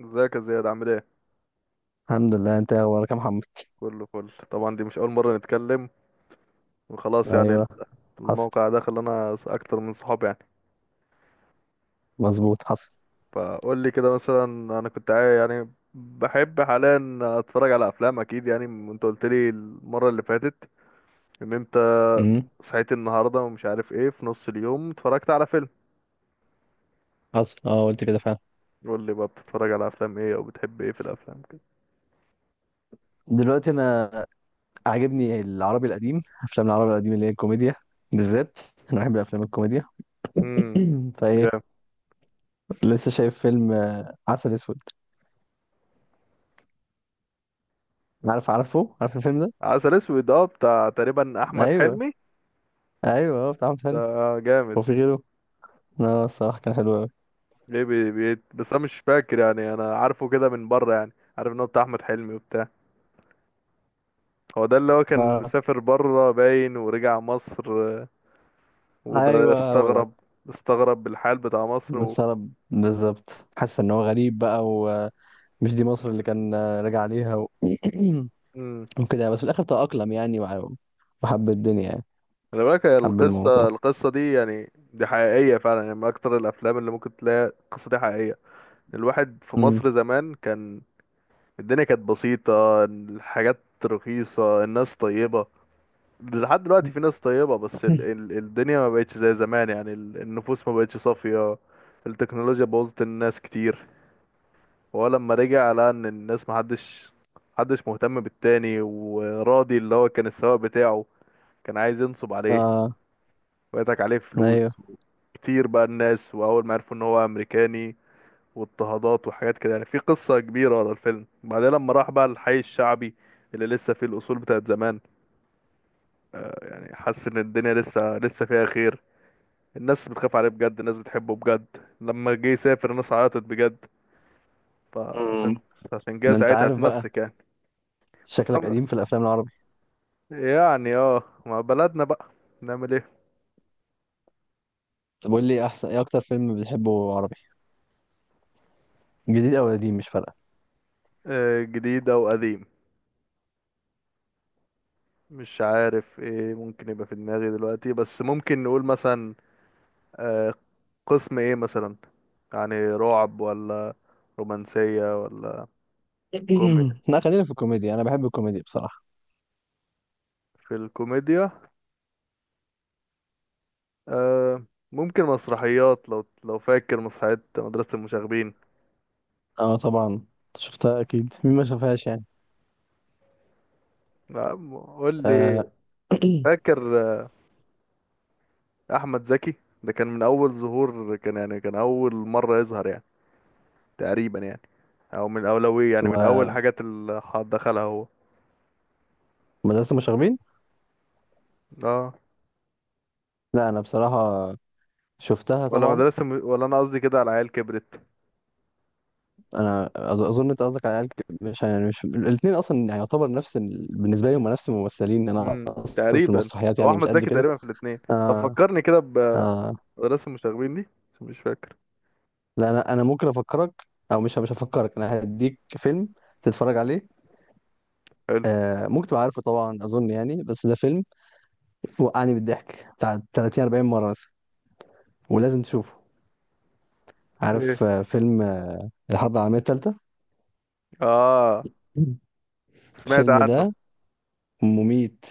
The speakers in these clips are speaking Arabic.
ازيك يا زياد، عامل ايه؟ الحمد لله. انت ايه اخبارك يا محمد؟ كله فل طبعا. دي مش اول مره نتكلم وخلاص يعني. ايوه. حصل، الموقع ده خلانا اكتر من صحاب يعني. مظبوط، حصل. فقول لي كده مثلا، انا كنت يعني بحب حاليا اتفرج على افلام اكيد يعني، انت قلت لي المره اللي فاتت ان انت امم. صحيت النهارده ومش عارف ايه، في نص اليوم اتفرجت على فيلم. حصل، اه، قلت كده فعلا. قول لي بقى، بتتفرج على افلام ايه؟ او بتحب ايه في الافلام كده؟ دلوقتي انا عاجبني العربي القديم افلام العربي القديم اللي هي الكوميديا بالذات. انا بحب الافلام الكوميديا. امم جامد. فايه لسه شايف فيلم عسل اسود. عارف الفيلم ده؟ عسل اسود، اه، بتاع تقريبا احمد ايوه، حلمي. ايوه، هو بتاع احمد ده حلمي. جامد. هو في غيره؟ لا، الصراحه كان حلو قوي. ايه، بي بي بس انا مش فاكر يعني، انا عارفه كده من بره يعني. عارف ان هو بتاع احمد حلمي وبتاع. هو ده اللي هو كان اه، مسافر بره باين ورجع مصر. وده ايوه، هو ده. استغرب. استغرب بالحال بتاع مصر و. بسبب، بالظبط. حاسس ان هو غريب بقى ومش، دي مصر اللي كان راجع عليها و. امم وكده يعني، بس في الاخر تأقلم يعني وحب الدنيا يعني. خلي بالك، هي حب القصه الموضوع. القصه دي يعني دي حقيقيه فعلا يعني، من اكتر الافلام اللي ممكن تلاقي القصه دي حقيقيه. الواحد في امم. مصر زمان كان، الدنيا كانت بسيطه، الحاجات رخيصه، الناس طيبه. لحد دلوقتي في ناس طيبة، بس ال ال الدنيا ما بقتش زي زمان يعني، النفوس ما بقتش صافية. التكنولوجيا بوظت الناس كتير. وهو لما رجع لقى ان الناس محدش مهتم بالتاني وراضي، اللي هو كان السواق بتاعه كان عايز ينصب عليه اه، ويضحك عليه ايوه. فلوس كتير بقى الناس، واول ما عرفوا ان هو امريكاني واضطهادات وحاجات كده يعني، في قصة كبيرة ورا الفيلم. بعدين لما راح بقى الحي الشعبي اللي لسه فيه الاصول بتاعت زمان، يعني حس ان الدنيا لسه لسه فيها خير. الناس بتخاف عليه بجد، الناس بتحبه بجد. لما جه يسافر الناس عيطت بجد، امم. فعشان جه ده انت ساعتها عارف بقى، اتمسك يعني. بس شكلك أنا قديم في الافلام العربي. يعني اه، مع بلدنا بقى، نعمل ايه؟ طب قول لي، احسن ايه اكتر فيلم بتحبه عربي، جديد او قديم مش فارقه؟ جديد او قديم، مش عارف ايه ممكن يبقى في دماغي دلوقتي، بس ممكن نقول مثلا آه، قسم ايه مثلا؟ يعني رعب ولا رومانسية ولا كومي. لا، خلينا في الكوميديا، انا بحب الكوميديا بصراحه. في الكوميديا، آه، ممكن مسرحيات، لو فاكر مسرحية مدرسة المشاغبين. اه طبعا شفتها، اكيد مين ما شافهاش يعني. لا، قول لي. آه. فاكر احمد زكي، ده كان من اول ظهور، كان يعني كان اول مره يظهر يعني، تقريبا يعني، او من اولويه يعني ثم من اول حاجات اللي دخلها هو. مدرسه المشاغبين. اه، لا انا بصراحه شفتها ولا طبعا. ولا انا قصدي كده على عيال كبرت. انا اظن انت قصدك على العيال، مش يعني مش الاثنين اصلا، يعني يعتبر نفس ال، بالنسبه لي هم نفس الممثلين، انا اصلا في تقريبا، المسرحيات هو يعني مش احمد قد زكي كده. تقريبا في الاثنين. طب آه، فكرني كده آه. بمدرسه المشاغبين دي، عشان مش فاكر. لا انا ممكن افكرك، او مش هفكرك، انا هديك فيلم تتفرج عليه. حلو، آه، ممكن تبقى عارفه طبعا اظن يعني، بس ده فيلم وقعني بالضحك بتاع 30 40 مره مثلا، ولازم تشوفه. ايه؟ عارف فيلم الحرب العالميه الثالثه؟ اه، سمعت الفيلم عنه. ده مميت،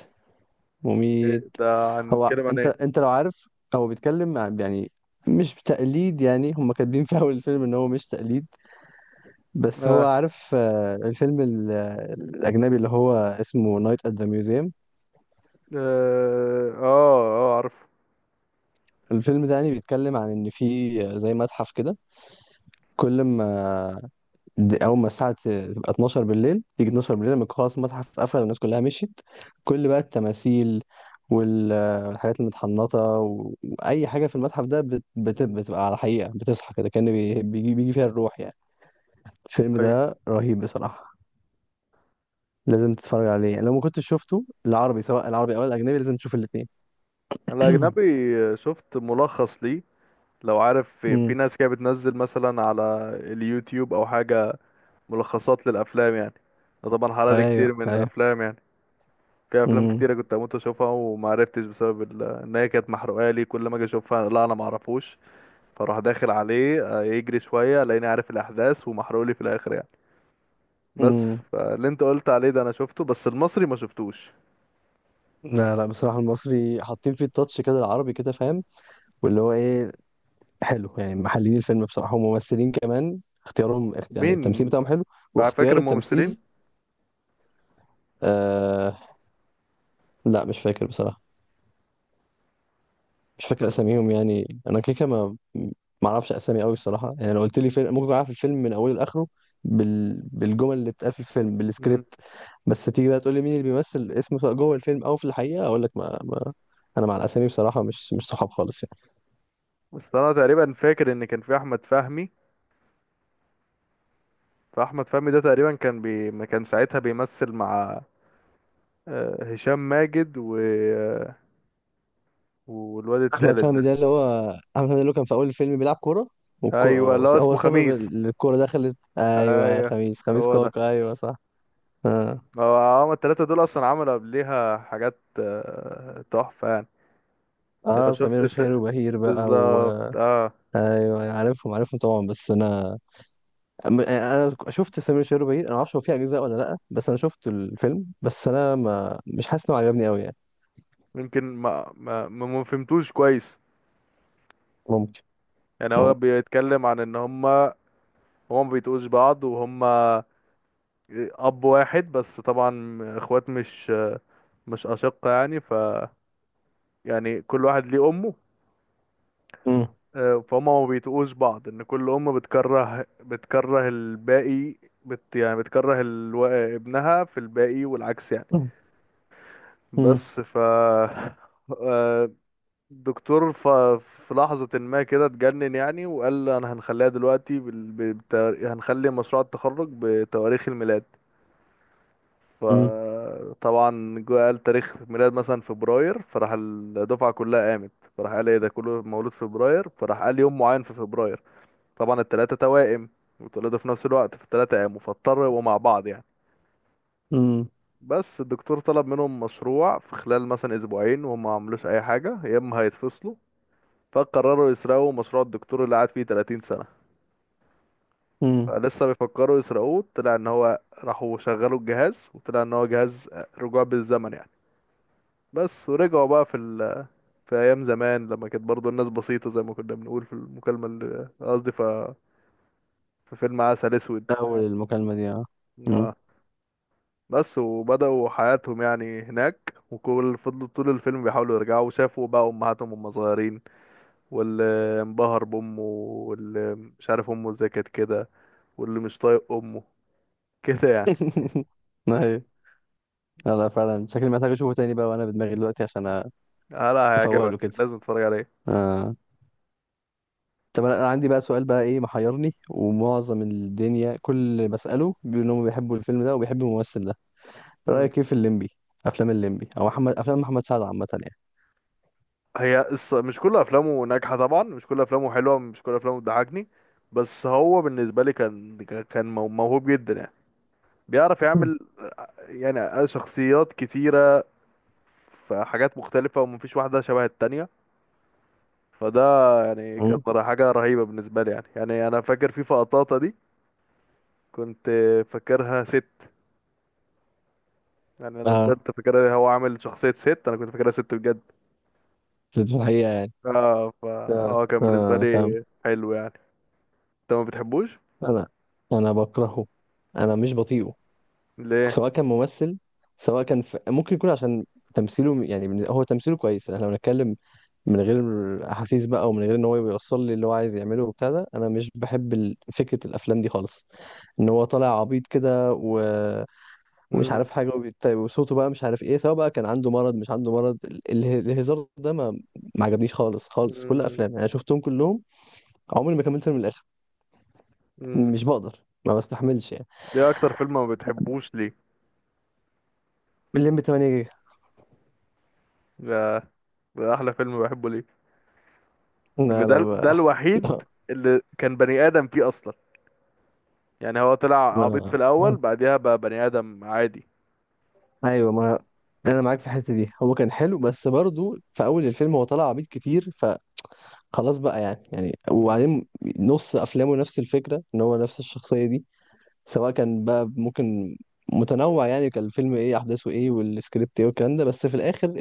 إيه مميت. ده؟ هو هنتكلم عن انت ايه؟ انت لو عارف، هو بيتكلم يعني مش تقليد، يعني هم كاتبين في اول الفيلم ان هو مش تقليد، بس هو اه، عارف الفيلم الاجنبي اللي هو اسمه نايت ات ذا ميوزيوم. اه، اه، عارف. الفيلم ده يعني بيتكلم عن ان في زي متحف كده، كل ما، دي اول ما الساعه تبقى 12 بالليل، تيجي 12 بالليل لما يكون خلاص المتحف قفل والناس كلها مشيت، كل بقى التماثيل وال- والحاجات المتحنطه واي حاجه في المتحف ده مم. بتبقى على حقيقه، بتصحى كده كأن بيجي فيها الروح يعني. الفيلم أيوة. ده رهيب بصراحه، لازم تتفرج عليه لو ما كنتش شفته العربي. سواء العربي او الاجنبي لازم تشوف الاثنين. الأجنبي شفت ملخص ليه، لو عارف، في امم. ناس كده بتنزل مثلا على اليوتيوب أو حاجة، ملخصات للأفلام يعني. أنا طبعا حرقلي ايوه، كتير من ايوه. الأفلام يعني. في أفلام امم. كتيرة كنت هموت أشوفها ومعرفتش بسبب إن هي كانت محروقة لي، كل ما أجي أشوفها لا أنا معرفوش. فأروح داخل عليه يجري شوية ألاقيني عارف الأحداث ومحروقلي في الآخر يعني، بس. امم. فاللي أنت قلت عليه ده أنا شفته، بس المصري ما شفتوش. لا، لا، بصراحة المصري حاطين فيه التاتش كده العربي، كده فاهم، واللي هو ايه، حلو يعني. محللين الفيلم بصراحة، وممثلين كمان اختيارهم، يعني التمثيل مين، بتاعهم حلو، فاكر واختيار التمثيل. الممثلين؟ آه. لا مش فاكر بصراحة، مش فاكر أساميهم يعني. أنا كيكة ما، ما أعرفش أسامي أوي الصراحة يعني. لو قلت لي فيلم ممكن أعرف الفيلم من أوله لآخره، بال، بالجمل اللي بتتقال في الفيلم، مم. بالسكريبت. بس تيجي بقى تقول لي مين اللي بيمثل اسمه سواء جوه الفيلم أو في الحقيقة، أقول لك ما، ما. أنا مع الأسامي بصراحة مش صحاب خالص يعني. بس أنا تقريبا فاكر إن كان في أحمد فهمي، فاحمد فهمي ده تقريبا كان ما كان ساعتها بيمثل مع هشام ماجد و والواد احمد التالت ده. فهمي ده اللي هو، احمد فهمي اللي هو كان في اول الفيلم بيلعب كوره، والكو، ايوه اللي هو هو اسمه سبب خميس. الكوره دخلت، ايوه، ايوه، خميس، خميس هو ده. كاكا، ايوه صح. اه. هو هما التلاتة دول اصلا عملوا قبليها حاجات تحفة يعني. لو اه، سمير شفت وشهير وبهير بقى و. ايوه، بالظبط، اه. أيوه، عارفهم، عارفهم طبعا، بس انا، انا شفت سمير وشهير وبهير، انا ما اعرفش هو فيه اجزاء ولا لا، بس انا شفت الفيلم، بس انا ما، مش حاسس انه عجبني قوي يعني. يمكن ما فهمتوش كويس. ممكن. يعني هو ممكن. بيتكلم عن ان هما، هما ما بيتقوش بعض وهما اب واحد بس طبعا اخوات، مش مش اشقة يعني، يعني كل واحد ليه امه. مم. فهم ما بيتقوش بعض، ان كل ام بتكره بتكره الباقي، يعني بتكره ابنها في الباقي والعكس يعني. مم. مم. بس آه، الدكتور في لحظة ما كده اتجنن يعني، وقال انا هنخليها دلوقتي هنخلي مشروع التخرج بتواريخ الميلاد. مم. فطبعا جو قال تاريخ ميلاد مثلا فبراير، فراح الدفعة كلها قامت، فراح قال ايه ده كله مولود في فبراير، فراح قال يوم معين في فبراير. طبعا التلاتة توائم، واتولدوا في نفس الوقت، فالتلاتة قاموا، فاضطروا يبقوا مع بعض يعني. مم. بس الدكتور طلب منهم مشروع في خلال مثلا اسبوعين، وهم ما عملوش اي حاجة يا اما هيتفصلوا. فقرروا يسرقوا مشروع الدكتور اللي قعد فيه 30 سنة. مم. لسه بيفكروا يسرقوه، طلع ان هو راحوا شغلوا الجهاز، وطلع ان هو جهاز رجوع بالزمن يعني. بس ورجعوا بقى في، في ايام زمان لما كانت برضو الناس بسيطة زي ما كنا بنقول في المكالمة، اللي قصدي في فيلم عسل اسود. اول المكالمه دي، اه. مم. اه، بس وبدأوا حياتهم يعني هناك، وكل فضلوا طول الفيلم بيحاولوا يرجعوا، وشافوا بقى امهاتهم وهم صغيرين، واللي انبهر بامه، واللي مش عارف امه ازاي كانت كده، واللي مش طايق امه كده يعني. ايوه. لا فعلا شكلي محتاج اشوفه تاني بقى وانا بدماغي دلوقتي، عشان لا، افوق هيعجبك، له كده. لازم تتفرج عليه. آه. طب انا، عندي بقى سؤال بقى، ايه محيرني ومعظم الدنيا كل اللي بساله بيقول انهم بيحبوا الفيلم ده وبيحبوا الممثل ده. رايك ايه في الليمبي؟ افلام الليمبي، او محمد، افلام محمد سعد عامه يعني. هي مش كل افلامه ناجحه طبعا، مش كل افلامه حلوه، مش كل افلامه بتضحكني. بس هو بالنسبه لي كان، كان موهوب جدا يعني، بيعرف مم. يعمل يعني شخصيات كتيره، في حاجات مختلفه ومفيش واحده شبه التانية. فده يعني مم. كانت حاجه رهيبه بالنسبه لي يعني، انا فاكر في فقطاطه دي كنت فاكرها ست، يعني انا بجد اه فاكرها، هو عامل شخصيه ست انا كنت فاكرها ست بجد. في الحقيقه يعني. اه، اه، فهو كان بالنسبه آه، فاهم. لي حلو يعني، انت ما بتحبوش انا، بكرهه، انا مش بطيقه، ليه؟ سواء كان ممثل، سواء كان ممكن يكون عشان تمثيله يعني. هو تمثيله كويس، احنا لو نتكلم من غير احاسيس بقى، ومن غير ان هو يوصل لي اللي هو عايز يعمله وبتاع ده، انا مش بحب فكره الافلام دي خالص، ان هو طالع عبيط كده و، ومش عارف حاجه، وصوته بقى مش عارف ايه، سواء بقى كان عنده مرض مش عنده مرض، الهزار ده ما، ما عجبنيش خالص، خالص. كل مم. افلام انا شفتهم كلهم، عمري ما كملت من الاخر. مم. مش بقدر، ما بستحملش يعني. ده اكتر فيلم ما بتحبوش ليه؟ الليمبي 8 جيجا. ده, ده احلى فيلم بحبه، ليه؟ ان لا، لا، ده ما. الوحيد اللي كان بني ادم فيه اصلا. يعني هو طلع لا، عبيط في الاول، ما. بعديها بقى بني ادم عادي. ايوه، ما انا معاك في الحته دي، هو كان حلو، بس برضو في اول الفيلم هو طلع عبيط كتير. خلاص بقى يعني امم وبعدين نص افلامه نفس الفكره، ان هو نفس الشخصيه دي، سواء كان بقى ممكن متنوع يعني. كان الفيلم ايه، احداثه ايه والسكريبت ايه والكلام ده، بس في الاخر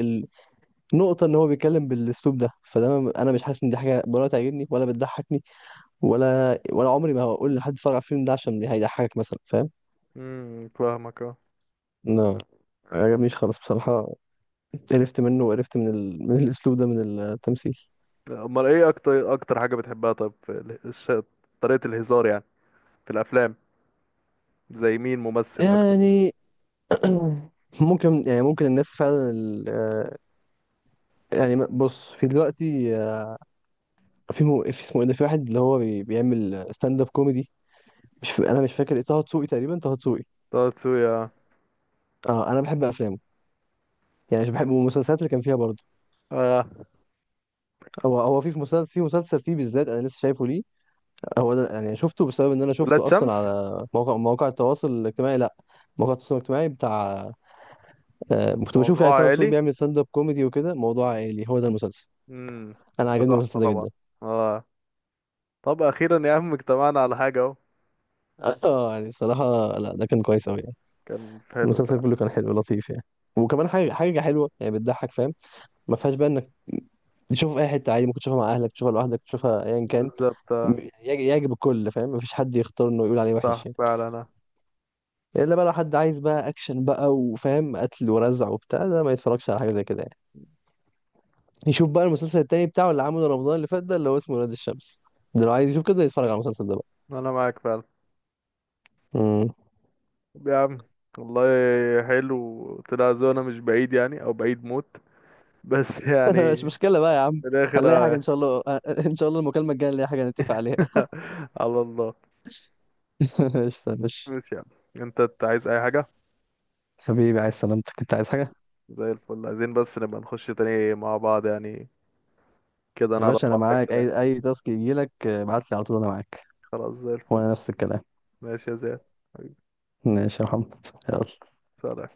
النقطه ان هو بيتكلم بالاسلوب ده، فده انا مش حاسس ان دي حاجه ولا تعجبني ولا بتضحكني، ولا عمري ما هقول لحد اتفرج على الفيلم ده عشان هيضحكك مثلا، فاهم. فاهمك، اه. لا، ما عجبنيش خالص بصراحه، قرفت منه، وقرفت من الاسلوب ده، من التمثيل، امال ايه اكتر اكتر حاجة بتحبها؟ طب في طريقة الهزار يعني، في الافلام، زي مين ممثل اكتر مثلا؟ يعني. ممكن يعني، ممكن الناس فعلا يعني، بص في دلوقتي في في اسمه ايه ده، في واحد اللي هو بيعمل ستاند اب كوميدي، مش ف... انا مش فاكر، ايه، طه دسوقي تقريبا، طه دسوقي. طه دسوقي، اه. اه، انا بحب افلامه، يعني مش بحب المسلسلات اللي كان فيها برضه. آه. هو في مسلسل، مسلسل فيه بالذات انا لسه شايفه ليه. هو ده يعني. شفته بسبب ان انا ولاد شفته اصلا شمس، على مواقع التواصل الاجتماعي، لا، مواقع التواصل الاجتماعي بتاع، كنت بشوف موضوع يعني طه دسوقي عائلي. بيعمل ستاند اب كوميدي وكده، موضوع عائلي، هو ده المسلسل. امم انا ده عجبني تحفة المسلسل ده طبعا، جدا. اه. طب اخيرا يا عم، اجتمعنا على حاجه اهو. اه يعني بصراحه، لا ده كان كويس قوي، كان حلو المسلسل فعلا. كله كان حلو لطيف يعني. وكمان حاجه حلوه يعني بتضحك، فاهم، ما فيهاش بقى انك تشوفه في اي حته عادي، ممكن تشوفها مع اهلك، تشوفها لوحدك، تشوفها ايا كان، بالظبط. يعجب الكل، فاهم، مفيش حد يختار انه يقول عليه صح وحش يعني. فعلا، انا الا بقى لو حد عايز بقى اكشن بقى وفاهم قتل ورزع وبتاع ده، ما يتفرجش على حاجه زي كده يعني. يشوف بقى المسلسل التاني بتاعه اللي عمله رمضان اللي فات، ده اللي هو اسمه ولاد الشمس. ده لو عايز يشوف كده يتفرج على المسلسل ده بقى. انا معاك فعلا. مم. طب يا عم، والله حلو. طلع ذوقنا مش بعيد يعني، او بعيد موت بس يعني مش مشكله بقى يا عم، في الاخر. هنلاقي حاجه ان شاء الله. ان شاء الله المكالمه الجايه نلاقي حاجه نتفق عليها. على الله. قشطة، ماشي. ماشي يا عم، إنت عايز اي حاجه؟ حبيبي، عايز سلامتك، انت عايز حاجة؟ زي الفل، عايزين بس نبقى نخش تاني مع بعض يعني، كده يا نعرف باشا انا بعض معاك، اكتر يعني. اي تاسك يجيلك ابعت لي على طول، انا معاك. خلاص، زي الفل. وانا نفس الكلام. ماشي يا زياد، حبيبي. ماشي يا محمد. يلا. سلام.